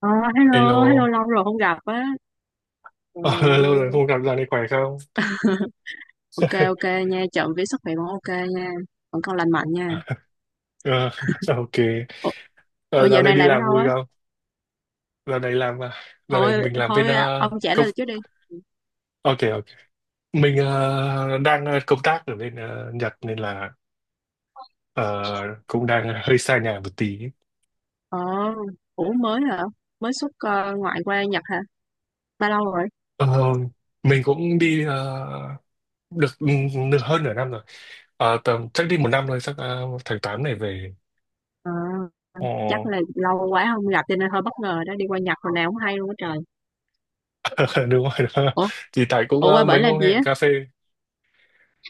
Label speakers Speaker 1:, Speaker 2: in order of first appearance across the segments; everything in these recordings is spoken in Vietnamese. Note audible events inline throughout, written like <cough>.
Speaker 1: Ờ, Hello, hello,
Speaker 2: Hello.
Speaker 1: lâu rồi không gặp á. Trời
Speaker 2: Ờ, Lâu rồi
Speaker 1: ơi.
Speaker 2: không gặp, dạo này khỏe không?
Speaker 1: Ok, ok
Speaker 2: <laughs>
Speaker 1: nha. Trộm vía sức khỏe vẫn ok nha. Vẫn còn lành mạnh nha.
Speaker 2: Ờ, ok.
Speaker 1: Ủa, ủa,
Speaker 2: Ờ, Dạo
Speaker 1: dạo
Speaker 2: này
Speaker 1: này
Speaker 2: đi
Speaker 1: làm ở
Speaker 2: làm
Speaker 1: đâu
Speaker 2: vui
Speaker 1: á?
Speaker 2: không? Dạo này làm, dạo này
Speaker 1: Thôi,
Speaker 2: mình làm bên
Speaker 1: thôi à, ông trả
Speaker 2: công,
Speaker 1: lời trước đi.
Speaker 2: ok ok, mình đang công tác ở bên Nhật nên là ờ, cũng đang hơi xa nhà một tí.
Speaker 1: Ờ, Ủa, mới hả? Mới xuất ngoại qua Nhật hả? Bao lâu rồi?
Speaker 2: Ờ, mình cũng đi được nửa, hơn nửa năm rồi. Tầm chắc đi một năm rồi, chắc tháng 8 này về.
Speaker 1: Ờ,
Speaker 2: Ồ.
Speaker 1: Chắc là lâu quá không gặp cho nên hơi bất ngờ đó. Đi qua Nhật hồi nào cũng hay luôn á trời.
Speaker 2: <laughs> Đúng rồi, đó.
Speaker 1: Ủa,
Speaker 2: Thì tại cũng
Speaker 1: ủa, qua bển
Speaker 2: mấy
Speaker 1: làm
Speaker 2: hôm
Speaker 1: gì
Speaker 2: hẹn
Speaker 1: á?
Speaker 2: cà phê,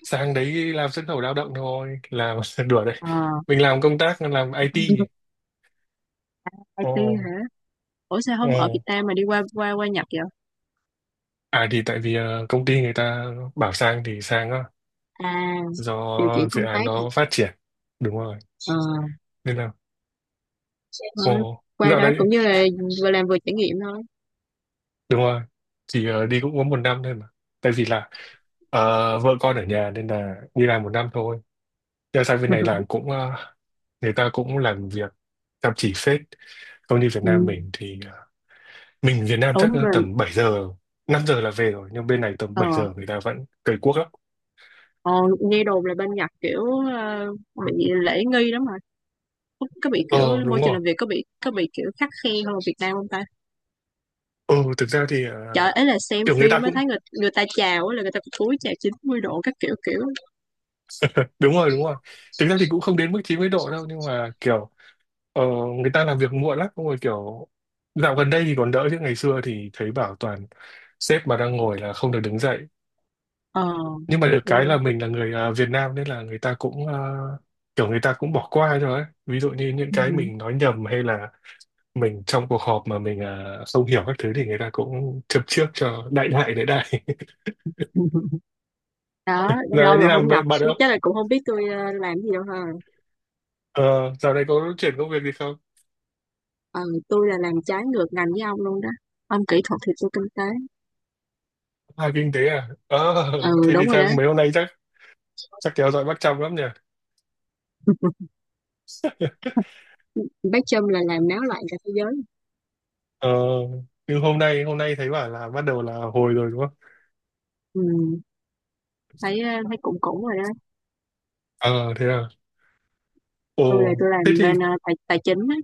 Speaker 2: sang đấy làm xuất khẩu lao động thôi làm, <laughs> đùa đấy.
Speaker 1: Ờ,
Speaker 2: Mình làm công tác làm IT. Ồ,
Speaker 1: IT hả? Ủa sao
Speaker 2: ồ.
Speaker 1: không ở Việt Nam mà đi qua qua qua Nhật vậy?
Speaker 2: Thì tại vì công ty người ta bảo sang thì sang á,
Speaker 1: À, điều
Speaker 2: do
Speaker 1: chuyển
Speaker 2: dự
Speaker 1: công
Speaker 2: án
Speaker 1: tác hả?
Speaker 2: nó phát triển. Đúng rồi,
Speaker 1: Ờ.
Speaker 2: nên là.
Speaker 1: Ờ, Qua
Speaker 2: Dạo
Speaker 1: đó
Speaker 2: đấy
Speaker 1: cũng như là vừa làm vừa trải nghiệm thôi.
Speaker 2: đúng rồi, chỉ đi cũng có một năm thôi mà, tại vì là vợ con ở nhà nên là đi làm một năm thôi. Nhưng sang bên này làm
Speaker 1: <laughs>
Speaker 2: cũng, người ta cũng làm việc chăm chỉ phết. Công ty Việt
Speaker 1: Ừ.
Speaker 2: Nam mình thì, mình Việt Nam
Speaker 1: Ủa
Speaker 2: chắc
Speaker 1: mà
Speaker 2: tầm 7 giờ, 5 giờ là về rồi, nhưng bên này tầm
Speaker 1: ờ
Speaker 2: 7 giờ người ta vẫn cày cuốc lắm.
Speaker 1: ờ, nghe đồn là bên Nhật kiểu ờ, bị lễ nghi lắm mà. Có bị kiểu
Speaker 2: ờ
Speaker 1: môi
Speaker 2: Đúng
Speaker 1: trường
Speaker 2: rồi.
Speaker 1: làm việc, có bị kiểu khắt khe hơn ở Việt Nam không ta?
Speaker 2: Ừ, thực ra thì,
Speaker 1: Trời, ấy là xem
Speaker 2: kiểu người
Speaker 1: phim
Speaker 2: ta
Speaker 1: mới
Speaker 2: cũng.
Speaker 1: thấy người người ta chào á là người ta phải cúi chào 90 độ các kiểu kiểu.
Speaker 2: Đúng rồi, đúng rồi. Thực ra thì cũng không đến mức 90 độ đâu, nhưng mà kiểu ờ, người ta làm việc muộn lắm. Xong rồi kiểu dạo gần đây thì còn đỡ, chứ ngày xưa thì thấy bảo toàn sếp mà đang ngồi là không được đứng dậy.
Speaker 1: ờ
Speaker 2: Nhưng mà được
Speaker 1: ừ.
Speaker 2: cái là mình là người Việt Nam nên là người ta cũng, kiểu người ta cũng bỏ qua rồi ấy. Ví dụ như những cái
Speaker 1: Ừ.
Speaker 2: mình nói nhầm, hay là mình trong cuộc họp mà mình không hiểu các thứ thì người ta cũng châm trước cho đại đại đại đại <laughs>
Speaker 1: <laughs> Đó,
Speaker 2: Giờ này
Speaker 1: lâu
Speaker 2: đi
Speaker 1: rồi không
Speaker 2: làm vậy
Speaker 1: gặp
Speaker 2: bạn
Speaker 1: biết
Speaker 2: không?
Speaker 1: chắc là cũng không biết tôi làm gì đâu ha.
Speaker 2: ờ, Dạo này có chuyển công việc gì không?
Speaker 1: ờ tôi là làm trái ngược ngành với ông luôn đó. Ông kỹ thuật thì tôi kinh tế.
Speaker 2: Kinh tế à? Ờ,
Speaker 1: Ừ,
Speaker 2: Thế thì
Speaker 1: đúng rồi
Speaker 2: chắc
Speaker 1: đó.
Speaker 2: mấy hôm nay chắc, kéo dõi bắt chăm lắm nhỉ.
Speaker 1: <laughs> Bác Trâm là làm náo loạn cả thế giới.
Speaker 2: ờ, nhưng hôm nay, thấy bảo là bắt đầu là hồi rồi đúng không?
Speaker 1: Ừ. Thấy thấy cũng cũng rồi đó.
Speaker 2: Ờ Thế à. ồ
Speaker 1: Tôi là tôi
Speaker 2: Thế
Speaker 1: làm
Speaker 2: thì.
Speaker 1: bên tài tài chính á.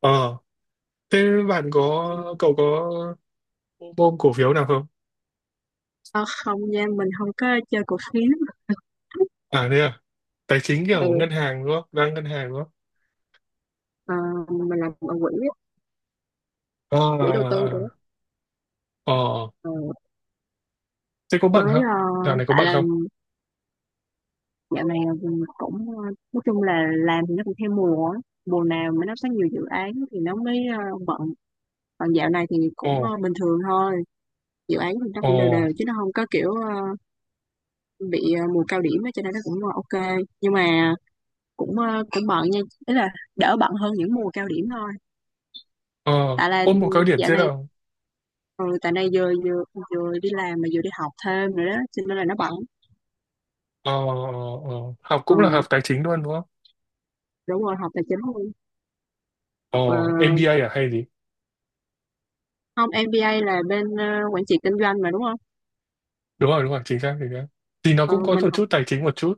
Speaker 2: ờ Thế bạn có cậu có ôm cổ phiếu nào không?
Speaker 1: Ờ, Không nha, mình không có chơi cổ phiếu. <laughs>
Speaker 2: Thế à? Tài chính kiểu
Speaker 1: Ừ.
Speaker 2: ngân hàng đúng không, đang ngân hàng đúng không?
Speaker 1: ờ, mình làm ở quỹ á,
Speaker 2: ờ
Speaker 1: quỹ đầu
Speaker 2: ờ
Speaker 1: tư rồi đó.
Speaker 2: ờ. Ờ,
Speaker 1: Ờ,
Speaker 2: Thế có bận
Speaker 1: mới
Speaker 2: không?
Speaker 1: ờ,
Speaker 2: Dạo này có
Speaker 1: Tại
Speaker 2: bận
Speaker 1: là
Speaker 2: không?
Speaker 1: dạo này mình cũng nói chung là làm thì nó cũng theo mùa á. Mùa nào mà nó có nhiều dự án thì nó mới bận, còn dạo này thì cũng
Speaker 2: Ồ,
Speaker 1: bình thường thôi. Dự án thì nó
Speaker 2: ồ,
Speaker 1: cũng đều đều chứ nó không có kiểu bị mùa cao điểm á, cho nên nó cũng ok, nhưng mà cũng bận nha. Ý là đỡ bận hơn những mùa cao điểm thôi.
Speaker 2: ờ,
Speaker 1: Tại là
Speaker 2: Ôm một cao điểm
Speaker 1: dạo
Speaker 2: thế
Speaker 1: này
Speaker 2: nào?
Speaker 1: ừ, tại này vừa vừa vừa đi làm mà vừa đi học thêm nữa đó cho nên là nó bận.
Speaker 2: Ờ, ờ, Học cũng là học
Speaker 1: Ừ,
Speaker 2: tài chính luôn đúng không?
Speaker 1: đúng rồi, học tài chính luôn.
Speaker 2: Ờ,
Speaker 1: Học
Speaker 2: MBA à hay gì?
Speaker 1: không, MBA là bên quản trị kinh doanh mà đúng không?
Speaker 2: Đúng rồi, chính xác, chính xác. Thì nó
Speaker 1: Ừ,
Speaker 2: cũng có
Speaker 1: mình
Speaker 2: một
Speaker 1: học
Speaker 2: chút tài chính một chút.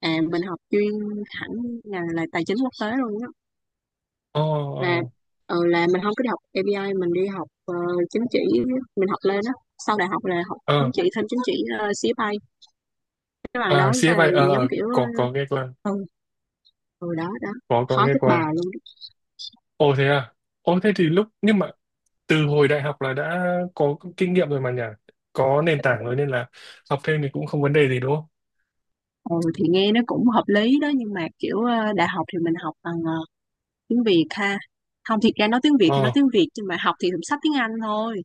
Speaker 1: à mình học chuyên hẳn là tài chính quốc tế luôn đó.
Speaker 2: Ờ,
Speaker 1: Là
Speaker 2: ờ,
Speaker 1: mình không có đi học MBA, mình đi học chứng chỉ. Mình học lên đó, sau đại học là học chứng
Speaker 2: ờ,
Speaker 1: chỉ, thêm chứng chỉ CFA, cái bằng đó là
Speaker 2: CFA,
Speaker 1: giống kiểu
Speaker 2: có nghe qua,
Speaker 1: ờ, rồi đó đó,
Speaker 2: có
Speaker 1: khó
Speaker 2: nghe
Speaker 1: chết
Speaker 2: qua.
Speaker 1: bà luôn.
Speaker 2: Ồ thế à? Thế thì lúc, nhưng mà từ hồi đại học là đã có kinh nghiệm rồi mà nhỉ? Có nền tảng rồi nên là học thêm thì cũng không vấn đề gì đúng không?
Speaker 1: Đó. Ừ, thì nghe nó cũng hợp lý đó nhưng mà kiểu đại học thì mình học bằng tiếng Việt ha. Không, thiệt ra nói tiếng Việt thì nói
Speaker 2: Ờ,
Speaker 1: tiếng Việt nhưng mà học thì cũng sách tiếng Anh thôi.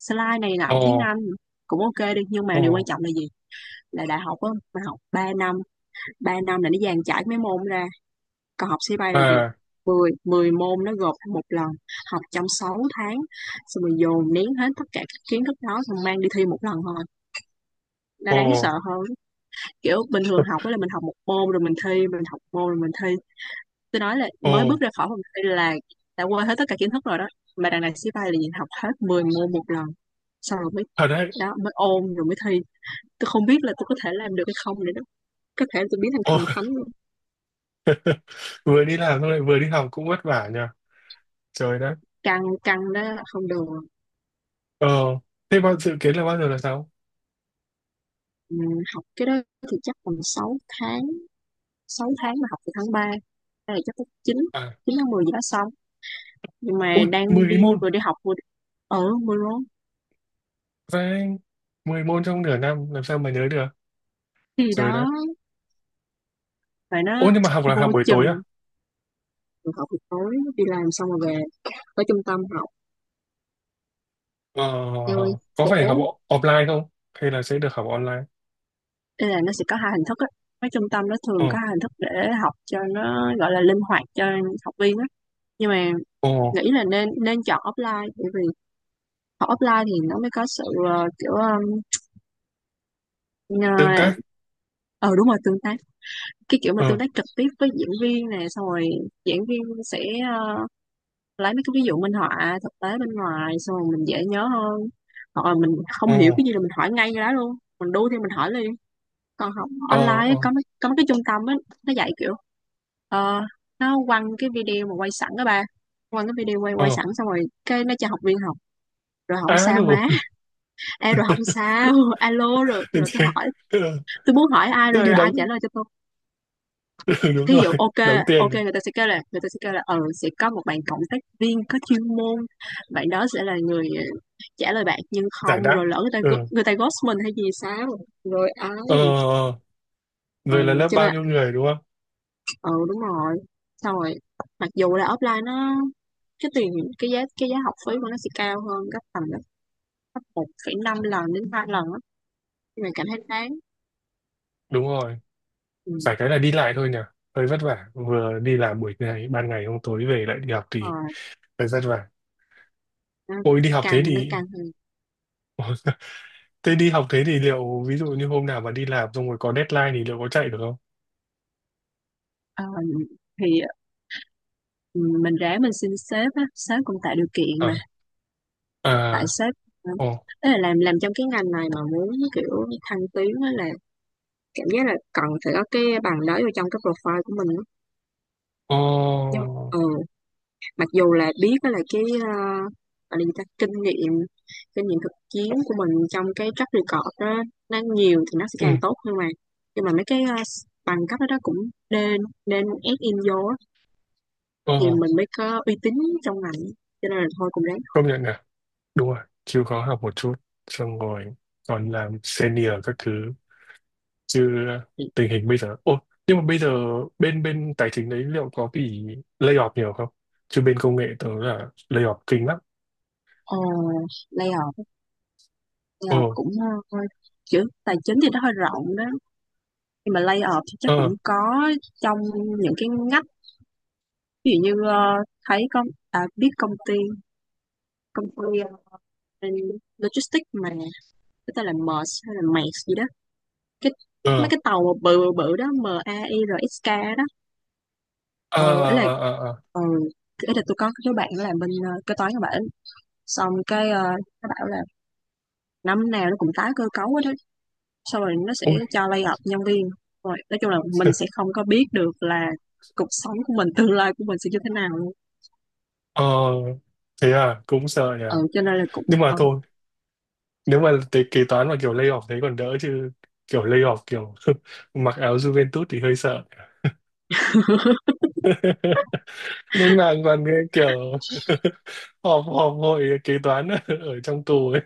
Speaker 1: Slide này là
Speaker 2: ờ,
Speaker 1: học tiếng Anh. Cũng ok đi, nhưng
Speaker 2: ờ,
Speaker 1: mà điều quan trọng là gì, là đại học á mình học 3 năm, 3 năm là nó dàn trải mấy môn ra. Còn học sĩ bay là gì,
Speaker 2: à,
Speaker 1: 10 10 môn nó gộp thành một lần, học trong 6 tháng, xong rồi dồn nén hết tất cả các kiến thức đó, xong mang đi thi một lần thôi. Nó
Speaker 2: ờ.
Speaker 1: đáng sợ hơn. Kiểu bình thường học á là mình học một môn rồi mình thi, mình học một môn rồi mình thi. Tôi nói là
Speaker 2: Ồ,
Speaker 1: mới bước ra khỏi phòng thi là đã quên hết tất cả kiến thức rồi đó. Mà đằng này sĩ bay là nhìn học hết 10 môn một lần, xong rồi mới
Speaker 2: thật đấy.
Speaker 1: đó mới ôn rồi mới thi. Tôi không biết là tôi có thể làm được hay không nữa đó. Có thể tôi biến thành
Speaker 2: Ồ.
Speaker 1: thần thánh
Speaker 2: <laughs>
Speaker 1: luôn.
Speaker 2: Vừa đi làm xong lại vừa đi học cũng vất vả nhờ. Trời đất.
Speaker 1: Căng, căng đó là không được.
Speaker 2: Ờ, Thế bao dự kiến là bao giờ là sao?
Speaker 1: Ừ, học cái đó thì chắc còn 6 tháng. Sáu tháng mà học từ tháng 3, đây là chắc tới 9,
Speaker 2: À,
Speaker 1: 9 tháng 10 gì đó xong. Nhưng mà đang đi
Speaker 2: Mười môn.
Speaker 1: vừa đi học vừa đi ở mưa lớn.
Speaker 2: Và 10 môn trong nửa năm làm sao mà nhớ được?
Speaker 1: Thì
Speaker 2: Trời
Speaker 1: đó
Speaker 2: đất.
Speaker 1: và nó
Speaker 2: Ồ, nhưng mà học là học
Speaker 1: vô
Speaker 2: buổi
Speaker 1: chừng,
Speaker 2: tối à?
Speaker 1: rồi học buổi tối đi làm xong rồi về tới trung tâm học,
Speaker 2: Ờ,
Speaker 1: eo ơi
Speaker 2: có
Speaker 1: khổ.
Speaker 2: phải học offline không? Hay là sẽ được học online?
Speaker 1: Nên là nó sẽ có hai hình thức á, cái trung tâm nó thường
Speaker 2: Ờ,
Speaker 1: có hai hình thức để học cho nó gọi là linh hoạt cho học viên á. Nhưng mà
Speaker 2: ồ,
Speaker 1: nghĩ là nên nên chọn offline bởi vì học offline thì nó mới có sự kiểu ờ
Speaker 2: Tương tác.
Speaker 1: ờ, đúng rồi, tương tác. Cái kiểu mà tương
Speaker 2: Ờ,
Speaker 1: tác trực tiếp với diễn viên nè, xong rồi diễn viên sẽ ờ, lấy mấy cái ví dụ minh họa thực tế bên ngoài xong rồi mình dễ nhớ hơn. Hoặc là mình không
Speaker 2: ồ,
Speaker 1: hiểu cái gì là mình hỏi ngay cái đó luôn, mình đu thì mình hỏi liền. Còn học
Speaker 2: ờ,
Speaker 1: online ấy,
Speaker 2: ờ,
Speaker 1: có mấy cái trung tâm ấy, nó dạy kiểu ờ, nó quăng cái video mà quay sẵn đó ba, quăng cái video quay quay
Speaker 2: ờ.
Speaker 1: sẵn xong rồi cái nó cho học viên học, rồi không
Speaker 2: À,
Speaker 1: sao
Speaker 2: đúng rồi.
Speaker 1: má. <laughs> Ê, rồi không sao. <laughs> Alo, rồi rồi tôi hỏi,
Speaker 2: <laughs>
Speaker 1: tôi muốn hỏi ai
Speaker 2: Tức
Speaker 1: rồi
Speaker 2: đi
Speaker 1: rồi ai
Speaker 2: đóng,
Speaker 1: trả lời cho tôi.
Speaker 2: <laughs> ừ, đúng
Speaker 1: Thí
Speaker 2: rồi.
Speaker 1: dụ ok,
Speaker 2: Đóng tiền,
Speaker 1: ok,
Speaker 2: để
Speaker 1: người ta sẽ kêu là, người ta sẽ kêu là ừ, sẽ có một bạn cộng tác viên có chuyên môn. Bạn đó sẽ là người trả lời bạn, nhưng
Speaker 2: giải
Speaker 1: không,
Speaker 2: đáp.
Speaker 1: rồi lỡ người ta
Speaker 2: Ừ.
Speaker 1: người ta ghost mình hay gì sao. Rồi ấy.
Speaker 2: Ờ ờ, ờ.
Speaker 1: Ừ,
Speaker 2: Rồi là lớp
Speaker 1: cho
Speaker 2: bao
Speaker 1: nên,
Speaker 2: nhiêu người đúng không?
Speaker 1: ừ, đúng rồi. Xong rồi mặc dù là offline nó, cái tiền, cái giá học phí của nó sẽ cao hơn gấp tầm gấp 1,5 lần đến 3 lần á, nhưng mà cảm thấy đáng.
Speaker 2: Đúng rồi. Phải
Speaker 1: Ừ.
Speaker 2: cái là đi lại thôi nhỉ. Hơi vất vả. Vừa đi làm buổi ngày, ban ngày hôm tối về lại đi học
Speaker 1: ờ,
Speaker 2: thì hơi vất vả.
Speaker 1: nó
Speaker 2: Ôi đi học thế
Speaker 1: căng nó
Speaker 2: thì.
Speaker 1: căng hơn.
Speaker 2: <laughs> Ôi. Thế đi học thế thì liệu ví dụ như hôm nào mà đi làm xong rồi có deadline thì liệu có chạy được không?
Speaker 1: Ờ, thì ừ, mình ráng mình xin sếp á, sếp cũng tạo điều kiện mà,
Speaker 2: À,
Speaker 1: tại
Speaker 2: à,
Speaker 1: sếp nữa.
Speaker 2: ồ,
Speaker 1: Tức là làm trong cái ngành này mà muốn kiểu thăng tiến á là cảm giác là cần phải có cái bằng đó vô trong cái profile của mình á.
Speaker 2: ồ,
Speaker 1: Nhưng ừ, mặc dù là biết đó là cái gọi là gì ta, kinh nghiệm, kinh nghiệm thực chiến của mình trong cái track record đó nó nhiều thì nó sẽ
Speaker 2: ừ,
Speaker 1: càng tốt, nhưng mà mấy cái bằng cấp đó, đó cũng nên nên ép in vô á, thì
Speaker 2: ồ,
Speaker 1: mình mới có uy tín trong ngành, cho nên là thôi cũng ráng.
Speaker 2: công nhận nè. Đúng rồi. Chịu khó học một chút. Xong rồi còn làm senior các thứ, chứ tình hình bây giờ nhưng mà bây giờ bên bên tài chính đấy liệu có bị lay off nhiều không? Chứ bên công nghệ tớ là lay off kinh lắm.
Speaker 1: Ờ, Layoff giờ
Speaker 2: ờ
Speaker 1: cũng hơi, chữ tài chính thì nó hơi rộng đó nhưng mà lay off thì chắc cũng
Speaker 2: ờ
Speaker 1: có trong những cái ngách. Ví dụ như thấy có à, biết công ty, công ty ờ, logistics mà cái tên là MERS hay là MERS gì đó, cái mấy
Speaker 2: ờ
Speaker 1: cái tàu mà bự bự bự đó, MAIRSK đó.
Speaker 2: ờ
Speaker 1: Ờ, ấy là
Speaker 2: ờ ờ ờ.
Speaker 1: ừ tôi có cái đứa bạn làm bên kế toán các bạn, xong cái nó bảo là năm nào nó cũng tái cơ cấu hết đó, xong rồi nó sẽ
Speaker 2: Ôi.
Speaker 1: cho lay off nhân viên, rồi nói chung là mình sẽ
Speaker 2: <laughs>
Speaker 1: không có biết được là cuộc sống của mình, tương lai của mình sẽ như thế nào luôn.
Speaker 2: ờ Thế à, cũng sợ nhỉ.
Speaker 1: Ừ, cho nên là cũng
Speaker 2: Nhưng mà thôi, nếu mà cái kế toán mà kiểu lay off thế còn đỡ, chứ kiểu lay off kiểu <laughs> mặc áo Juventus thì hơi sợ.
Speaker 1: <laughs>
Speaker 2: <laughs> Lên mạng còn cái kiểu <laughs> họp họp hội kế toán <laughs> ở trong tù ấy.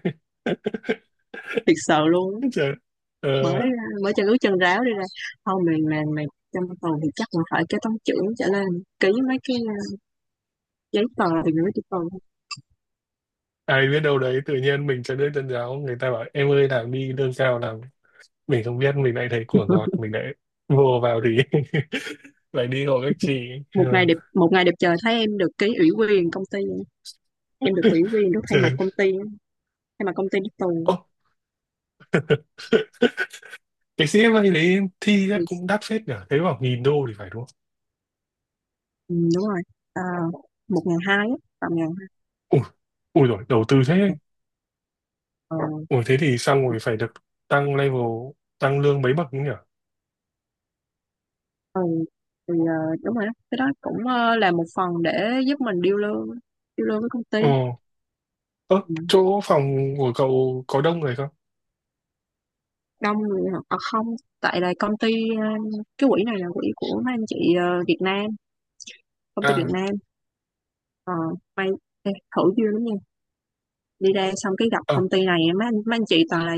Speaker 1: thiệt sợ luôn á.
Speaker 2: <laughs> Trời. ờ
Speaker 1: Mới mới chân ướt chân ráo đi ra, không, mình mày mày trong tuần thì chắc là phải cái toán trưởng trở lên ký mấy cái giấy tờ thì gửi cho tuần.
Speaker 2: Ai biết đâu đấy tự nhiên mình cho nước chân giáo, người ta bảo em ơi làm đi lương cao làm, mình không biết mình lại thấy của ngọt mình lại <laughs> vô vào thì <laughs> lại đi hộ các chị. Ừ.
Speaker 1: Một ngày đẹp trời thấy em được ký ủy quyền công ty, em được ủy
Speaker 2: <laughs>
Speaker 1: quyền được thay mặt
Speaker 2: Trời.
Speaker 1: công ty, thay mặt công ty đi tù.
Speaker 2: ô cái CFA đấy thi chắc
Speaker 1: Ừ,
Speaker 2: cũng đắt phết nhỉ, thấy bảo nghìn đô thì phải, đúng không?
Speaker 1: đúng rồi. À, 1.200 á, tầm 1.200.
Speaker 2: Ui Ui rồi đầu tư thế.
Speaker 1: Ờ,
Speaker 2: Thế thì xong rồi phải được tăng level, tăng lương mấy bậc nữa nhỉ.
Speaker 1: Ừ, thì đúng rồi đó. Cái đó cũng là một phần để giúp mình điêu lương với công ty.
Speaker 2: Ờ ơ
Speaker 1: Ừ.
Speaker 2: Chỗ phòng của cậu có đông người không?
Speaker 1: Đông người hả? À, không, tại là công ty ờ, cái quỹ này là quỹ của mấy anh chị Việt Nam, công ty Việt
Speaker 2: à
Speaker 1: Nam. Ờ, May, ê, thử duyên lắm nha. Đi ra xong cái gặp
Speaker 2: ờ
Speaker 1: công ty này, mấy anh chị toàn là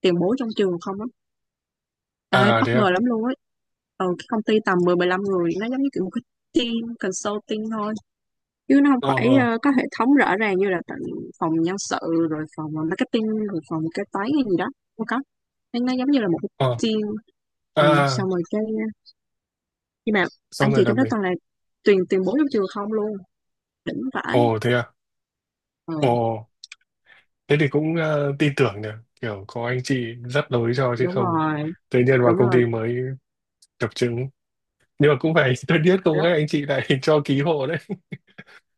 Speaker 1: tiền bối trong trường không á. Ê, bất
Speaker 2: Thế
Speaker 1: ngờ
Speaker 2: à?
Speaker 1: lắm luôn á. Ừ, cái công ty tầm 10 15 người nó giống như kiểu một cái team consulting thôi. Chứ nó không
Speaker 2: ờ
Speaker 1: phải
Speaker 2: ờ
Speaker 1: có hệ thống rõ ràng như là tận phòng nhân sự, rồi phòng marketing, rồi phòng kế toán hay gì đó. Không có, nó giống như là một cái
Speaker 2: ờ
Speaker 1: team. Ừ,
Speaker 2: à
Speaker 1: xong rồi cái, nhưng mà anh
Speaker 2: Xong rồi
Speaker 1: chị
Speaker 2: là
Speaker 1: trong đó
Speaker 2: mình.
Speaker 1: toàn là tuyển tuyển bố trong trường không luôn, đỉnh vãi.
Speaker 2: Ồ thế à?
Speaker 1: Ừ,
Speaker 2: Ồ, thế thì cũng tin tưởng nhỉ, kiểu có anh chị dắt lối cho chứ
Speaker 1: đúng
Speaker 2: không
Speaker 1: rồi,
Speaker 2: tự nhiên vào
Speaker 1: đúng
Speaker 2: công
Speaker 1: rồi.
Speaker 2: ty mới chập chững. Nhưng mà cũng phải <laughs> tôi biết không
Speaker 1: Rất
Speaker 2: các anh chị lại <laughs> cho ký hộ đấy.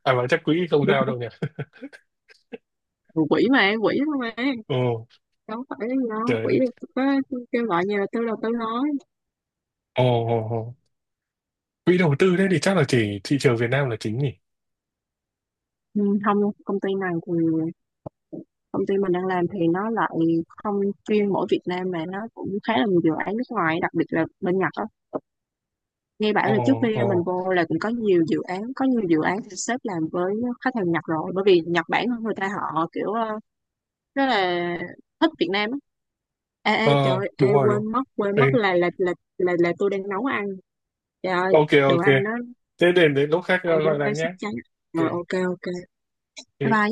Speaker 2: À mà chắc quỹ không sao đâu
Speaker 1: rất-
Speaker 2: nhỉ.
Speaker 1: rất- Quỷ mà em, quỷ thôi mà,
Speaker 2: Ồ,
Speaker 1: đâu phải cái gì đâu
Speaker 2: trời
Speaker 1: quỷ,
Speaker 2: đất.
Speaker 1: có kêu gọi như là tư đầu tư nói.
Speaker 2: Ồ, ồ, ồ. Quỹ đầu tư đấy thì chắc là chỉ thị trường Việt Nam là chính nhỉ.
Speaker 1: Ừ, không, công ty này thì công ty mình đang làm thì nó lại không chuyên mỗi Việt Nam mà nó cũng khá là nhiều dự án nước ngoài, đặc biệt là bên Nhật á. Nghe bảo
Speaker 2: Ồ,
Speaker 1: là trước khi mình
Speaker 2: ồ,
Speaker 1: vô là cũng có nhiều dự án, có nhiều dự án thì sếp làm với khách hàng Nhật rồi, bởi vì Nhật Bản người ta họ kiểu rất là thích Việt Nam á. Ê,
Speaker 2: ờ,
Speaker 1: ê trời ơi, ê,
Speaker 2: đúng rồi đúng.
Speaker 1: quên
Speaker 2: Ừ,
Speaker 1: mất là, là tôi đang nấu ăn, trời ơi,
Speaker 2: ok
Speaker 1: đồ
Speaker 2: ok.
Speaker 1: ăn nó,
Speaker 2: Thế đến, lúc khác
Speaker 1: ăn nó
Speaker 2: gọi lại
Speaker 1: đang sắp
Speaker 2: nhé.
Speaker 1: cháy. Rồi ok, ok, bye
Speaker 2: Ok.
Speaker 1: bye.